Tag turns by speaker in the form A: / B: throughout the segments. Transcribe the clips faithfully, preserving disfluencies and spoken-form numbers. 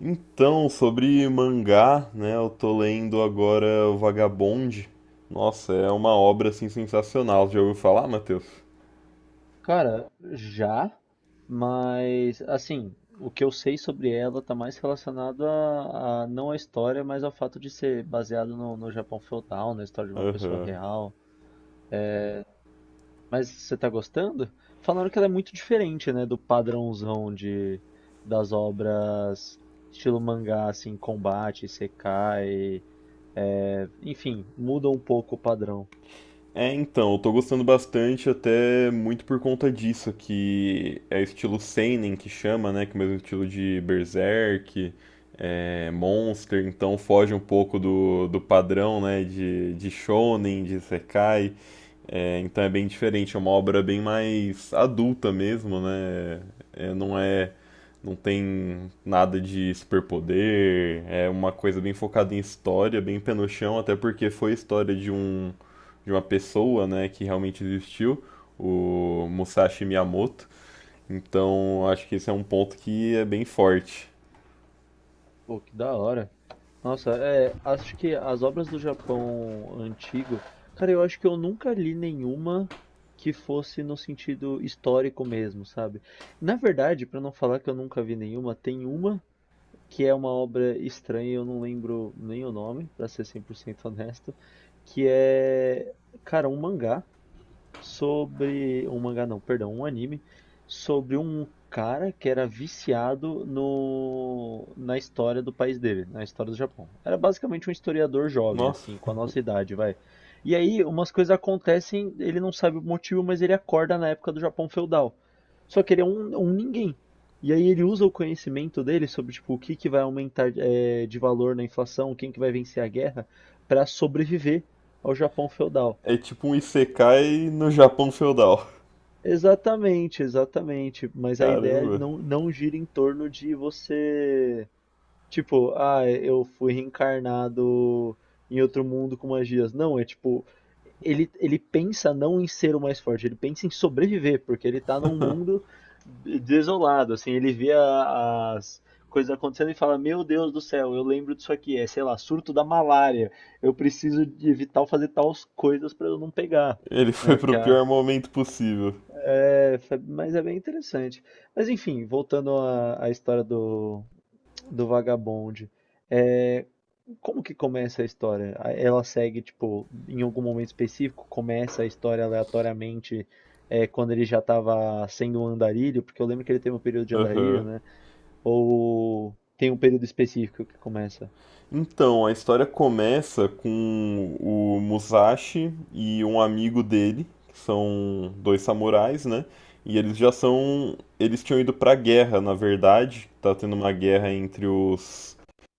A: Então, sobre mangá, né, eu tô lendo agora o Vagabond. Nossa, é uma obra assim sensacional. Já ouviu falar, Matheus?
B: Cara, já, mas assim, o que eu sei sobre ela tá mais relacionado a, a- não à história, mas ao fato de ser baseado no, no Japão feudal, na história de uma pessoa
A: Aham.
B: real. Mas você tá gostando? Falaram que ela é muito diferente, né, do padrãozão de das obras estilo mangá, assim, combate, isekai, é, enfim, muda um pouco o padrão.
A: É, então, eu tô gostando bastante até muito por conta disso, que é estilo seinen que chama, né, que é o mesmo estilo de Berserk, é, Monster, então foge um pouco do, do padrão, né, de, de shonen, de isekai. É, então é bem diferente, é uma obra bem mais adulta mesmo, né? É, não é, não tem nada de superpoder, é uma coisa bem focada em história, bem pé no chão, até porque foi a história de um de uma pessoa, né, que realmente existiu, o Musashi Miyamoto. Então, acho que esse é um ponto que é bem forte.
B: Pô, que da hora. Nossa, é, acho que as obras do Japão antigo, cara, eu acho que eu nunca li nenhuma que fosse no sentido histórico mesmo, sabe? Na verdade, pra não falar que eu nunca vi nenhuma, tem uma que é uma obra estranha, eu não lembro nem o nome, pra ser cem por cento honesto, que é, cara, um mangá sobre um mangá não, perdão, um anime sobre um cara que era viciado no na história do país dele, na história do Japão. Era basicamente um historiador jovem
A: Nossa,
B: assim, com a nossa idade, vai. E aí umas coisas acontecem, ele não sabe o motivo, mas ele acorda na época do Japão feudal. Só que ele é um, um ninguém. E aí ele usa o conhecimento dele sobre tipo o que que vai aumentar eh, de valor na inflação, quem que vai vencer a guerra, para sobreviver ao Japão feudal.
A: é tipo um isekai no Japão feudal.
B: Exatamente, exatamente. Mas a ideia
A: Caramba.
B: não, não gira em torno de você, tipo, ah, eu fui reencarnado em outro mundo com magias. Não, é tipo, ele, ele pensa não em ser o mais forte, ele pensa em sobreviver, porque ele tá num mundo desolado, assim, ele vê a- as coisas acontecendo e fala, meu Deus do céu, eu lembro disso aqui, é, sei lá, surto da malária, eu preciso de evitar fazer tais coisas pra eu não pegar,
A: Ele foi
B: né?
A: pro
B: Porque a
A: pior momento possível.
B: é, fa- mas é bem interessante. Mas enfim, voltando à, à história do, do vagabonde, É, como que começa a história? A- Ela segue, tipo, em algum momento específico, começa a história aleatoriamente, é, quando ele já estava sendo um andarilho, porque eu lembro que ele teve um período de andarilho,
A: Aham.
B: né? Ou tem um período específico que começa?
A: Então, a história começa com o Musashi e um amigo dele, que são dois samurais, né? E eles já são. Eles tinham ido pra guerra, na verdade. Tá tendo uma guerra entre os.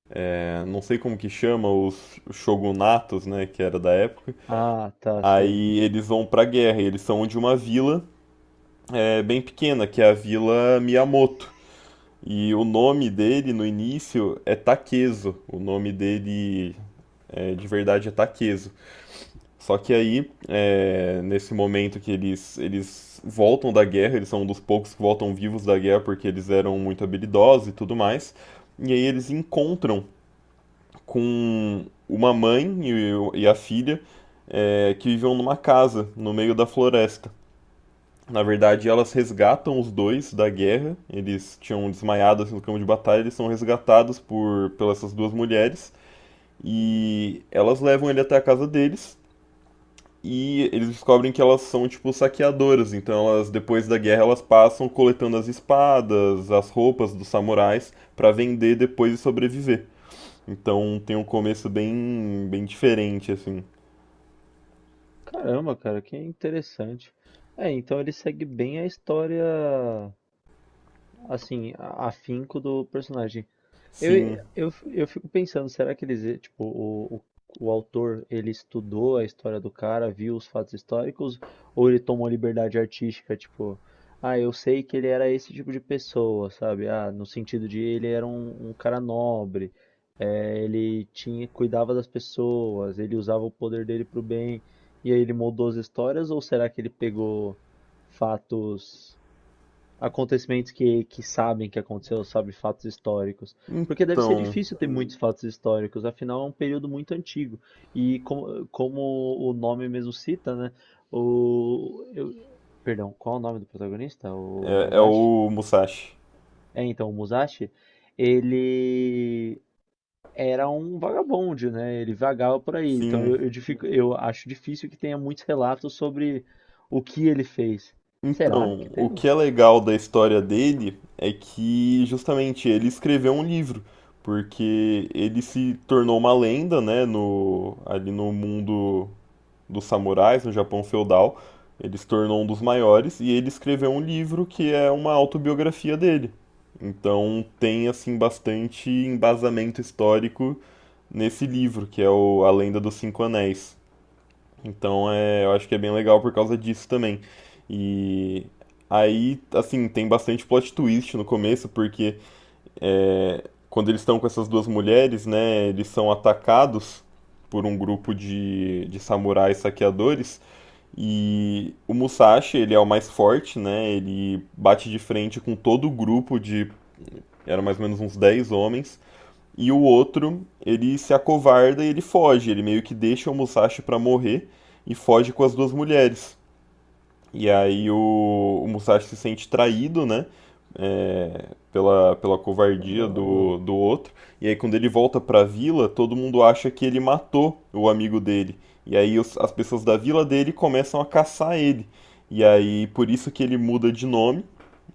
A: é, Não sei como que chama, os shogunatos, né? Que era da época.
B: Ah, tá, sei.
A: Aí eles vão pra guerra, e eles são de uma vila é, bem pequena, que é a Vila Miyamoto. E o nome dele no início é Takeso. O nome dele é, de verdade ataqueso. Só que aí, é, nesse momento que eles, eles voltam da guerra, eles são um dos poucos que voltam vivos da guerra porque eles eram muito habilidosos e tudo mais. E aí eles encontram com uma mãe e, e a filha é, que viviam numa casa no meio da floresta. Na verdade, elas resgatam os dois da guerra. Eles tinham desmaiado assim, no campo de batalha. Eles são resgatados por pelas essas duas mulheres e elas levam ele até a casa deles. E eles descobrem que elas são tipo saqueadoras, então elas depois da guerra elas passam coletando as espadas, as roupas dos samurais pra vender depois e sobreviver. Então tem um começo bem bem diferente assim.
B: Caramba, cara, que interessante. É, então ele segue bem a história, assim, a- afinco do personagem. Eu,
A: Sim.
B: eu, eu fico pensando, será que eles, eh, tipo, o, o, o autor, ele estudou a história do cara, viu os fatos históricos, ou ele tomou liberdade artística, tipo, ah, eu sei que ele era esse tipo de pessoa, sabe? Ah, no sentido de ele era um, um cara nobre, eh, ele tinha, cuidava das pessoas, ele usava o poder dele pro bem, e aí ele moldou as histórias, ou será que ele pegou fatos acontecimentos que, que sabem que aconteceu, sabe, fatos históricos. Porque deve ser
A: Então,
B: difícil ter muitos fatos históricos, afinal é um período muito antigo. E como, como o nome mesmo cita, né? O, eu- perdão, qual é o nome do protagonista? O
A: é, é
B: Musashi?
A: o Musashi.
B: É, então, o Musashi, ele era um vagabundo, né? Ele vagava por aí. Então
A: Sim.
B: eu, eu, dific- eu acho difícil que tenha muitos relatos sobre o que ele fez. Será
A: Então,
B: que
A: o
B: teve?
A: que é legal da história dele é que justamente ele escreveu um livro, porque ele se tornou uma lenda, né, no ali no mundo dos samurais no Japão feudal. Ele se tornou um dos maiores e ele escreveu um livro que é uma autobiografia dele. Então tem assim bastante embasamento histórico nesse livro, que é o A Lenda dos Cinco Anéis. Então é, eu acho que é bem legal por causa disso também. E aí, assim, tem bastante plot twist no começo, porque quando eles estão com essas duas mulheres, né, eles são atacados por um grupo de, de samurais saqueadores. E o Musashi, ele é o mais forte, né? Ele bate de frente com todo o grupo de. Eram mais ou menos uns dez homens. E o outro, ele se acovarda e ele foge. Ele meio que deixa o Musashi pra morrer e foge com as duas mulheres. E aí o, o Musashi se sente traído, né? pela, pela covardia
B: Caramba.
A: do, do outro. E aí, quando ele volta pra vila, todo mundo acha que ele matou o amigo dele. E aí, os- as pessoas da vila dele começam a caçar ele. E aí, por isso que ele muda de nome.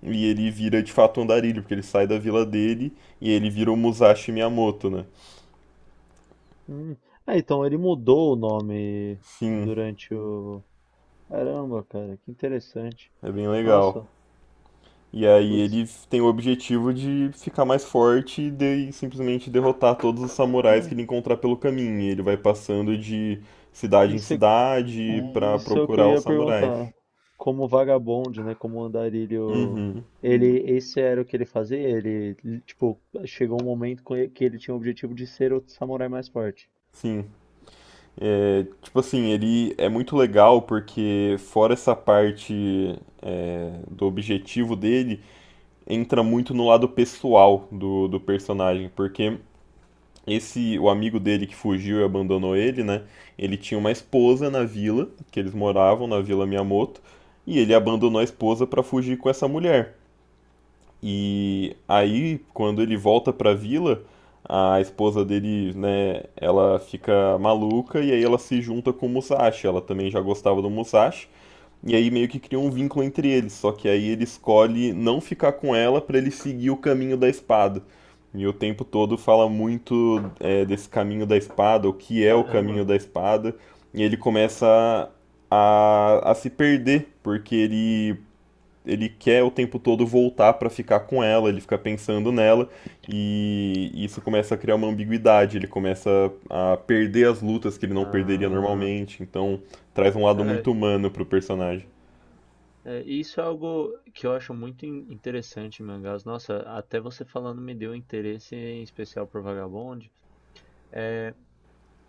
A: E ele vira de fato um andarilho, porque ele sai da vila dele e ele vira o Musashi Miyamoto, né?
B: Hum. Ah, então ele mudou o nome
A: Sim,
B: durante o. Caramba, cara, que interessante.
A: é bem legal.
B: Nossa,
A: E aí
B: putz,
A: eles têm o objetivo de ficar mais forte e de- e simplesmente derrotar todos os samurais que ele encontrar pelo caminho. E ele vai passando de cidade em
B: isso é,
A: cidade pra
B: isso é o que eu
A: procurar os
B: ia
A: samurais.
B: perguntar. Como vagabonde, né? Como andarilho.
A: Uhum,
B: Ele, esse era o que ele fazia? Ele, tipo, chegou um momento com ele- que ele tinha o objetivo de ser o samurai mais forte.
A: sim. É, tipo assim, ele é muito legal porque fora essa parte é, do objetivo dele, entra muito no lado pessoal do, do personagem, porque Esse, o amigo dele que fugiu e abandonou ele, né? Ele tinha uma esposa na vila, que eles moravam na Vila Miyamoto, e ele abandonou a esposa para fugir com essa mulher. E aí, quando ele volta para a vila, a esposa dele, né, ela fica maluca e aí ela se junta com o Musashi. Ela também já gostava do Musashi. E aí meio que cria um vínculo entre eles, só que aí ele escolhe não ficar com ela pra ele seguir o caminho da espada. E o tempo todo fala muito é, desse caminho da espada, o que é o caminho
B: Caramba.
A: da espada, e ele começa a, a se perder, porque ele, ele quer o tempo todo voltar pra ficar com ela, ele fica pensando nela, e isso começa a criar uma ambiguidade, ele começa a perder as lutas que ele não perderia
B: Ah,
A: normalmente, então traz um lado
B: cara,
A: muito humano pro personagem.
B: é, e isso é algo que eu acho muito in- interessante em mangás. Nossa, até você falando me deu interesse em especial por Vagabond.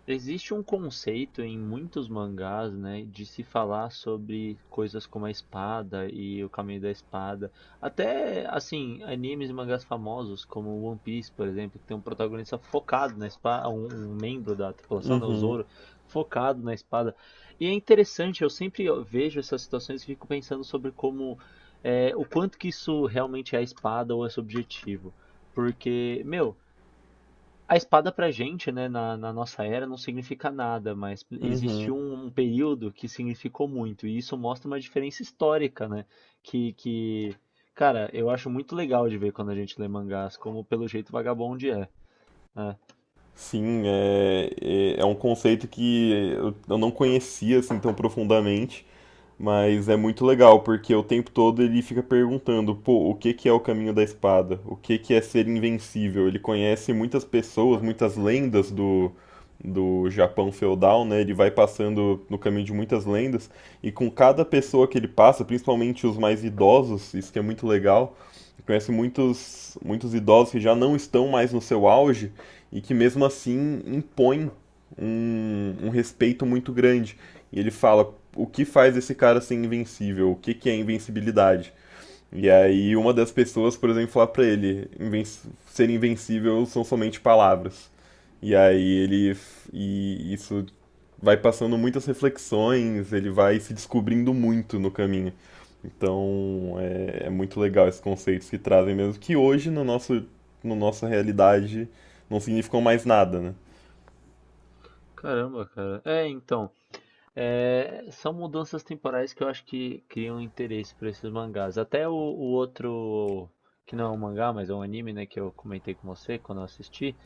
B: Existe um conceito em muitos mangás, né, de se falar sobre coisas como a espada e o caminho da espada. Até, assim, animes e mangás famosos, como One Piece, por exemplo, que tem um protagonista focado na espada, um, um membro da tripulação, né, o
A: Uhum,
B: Zoro, focado na espada. E é interessante, eu sempre vejo essas situações e fico pensando sobre como, é, o quanto que isso realmente é a espada ou é subjetivo. Porque, meu, a espada pra gente, né, na, na nossa era, não significa nada, mas
A: uhum.
B: existiu um, um período que significou muito, e isso mostra uma diferença histórica, né? Que, que, cara, eu acho muito legal de ver quando a gente lê mangás, como pelo jeito Vagabond é, né?
A: Sim, é, é, é um conceito que eu eu não conhecia assim tão profundamente. Mas é muito legal, porque o tempo todo ele fica perguntando, pô, o que que é o caminho da espada? O que que é ser invencível? Ele conhece muitas pessoas, muitas lendas do, do Japão feudal, né? Ele vai passando no caminho de muitas lendas, e com cada pessoa que ele passa, principalmente os mais idosos, isso que é muito legal, ele conhece muitos, muitos idosos que já não estão mais no seu auge, e que mesmo assim impõem um, um respeito muito grande. E ele fala, o que faz esse cara ser invencível, o que, que é invencibilidade. E aí uma das pessoas, por exemplo, fala pra ele, inven ser invencível são somente palavras. E aí ele e isso vai passando muitas reflexões, ele vai se descobrindo muito no caminho. Então é, é muito legal esses conceitos que trazem mesmo, que hoje no nosso, no nossa realidade não significam mais nada, né?
B: Caramba, cara. É, então, é, são mudanças temporais que eu acho que criam interesse por esses mangás. Até o, o outro, que não é um mangá, mas é um anime, né, que eu comentei com você quando eu assisti.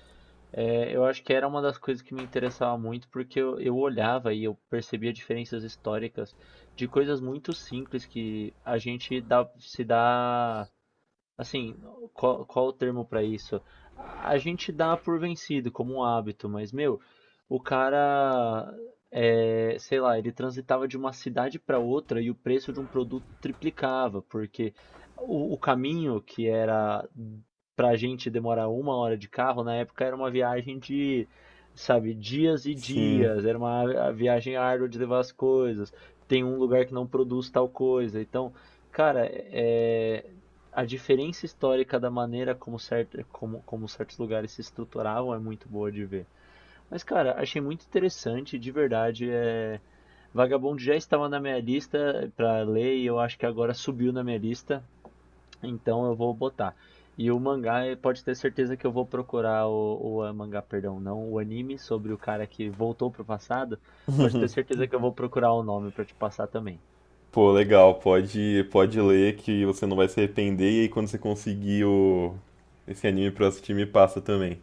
B: É, eu acho que era uma das coisas que me interessava muito, porque eu, eu olhava e eu percebia diferenças históricas de coisas muito simples que a gente dá- se dá. Assim, qual, qual o termo pra isso? A a gente dá por vencido como um hábito, mas meu, o cara, é, sei lá, ele transitava de uma cidade pra outra e o preço de um produto triplicava, porque o, o caminho que era pra gente demorar uma hora de carro, na época era uma viagem de, sabe, dias e
A: Sim.
B: dias, era uma a- viagem árdua de levar as coisas, tem um lugar que não produz tal coisa, então. Cara, é, a diferença histórica da maneira como, certo, como, como certos lugares se estruturavam é muito boa de ver. Mas, cara, achei muito interessante, de verdade. É... Vagabond já estava na minha lista pra ler e eu acho que agora subiu na minha lista, então eu vou botar. E o mangá, eh, pode ter certeza que eu vou procurar o, o ah, mangá, perdão, não, o anime sobre o cara que voltou pro passado. Pode ter certeza que eu vou procurar o nome pra te passar também.
A: Pô, legal, pode, pode ler que você não vai se arrepender e aí quando você conseguir o, esse anime pra assistir me passa também.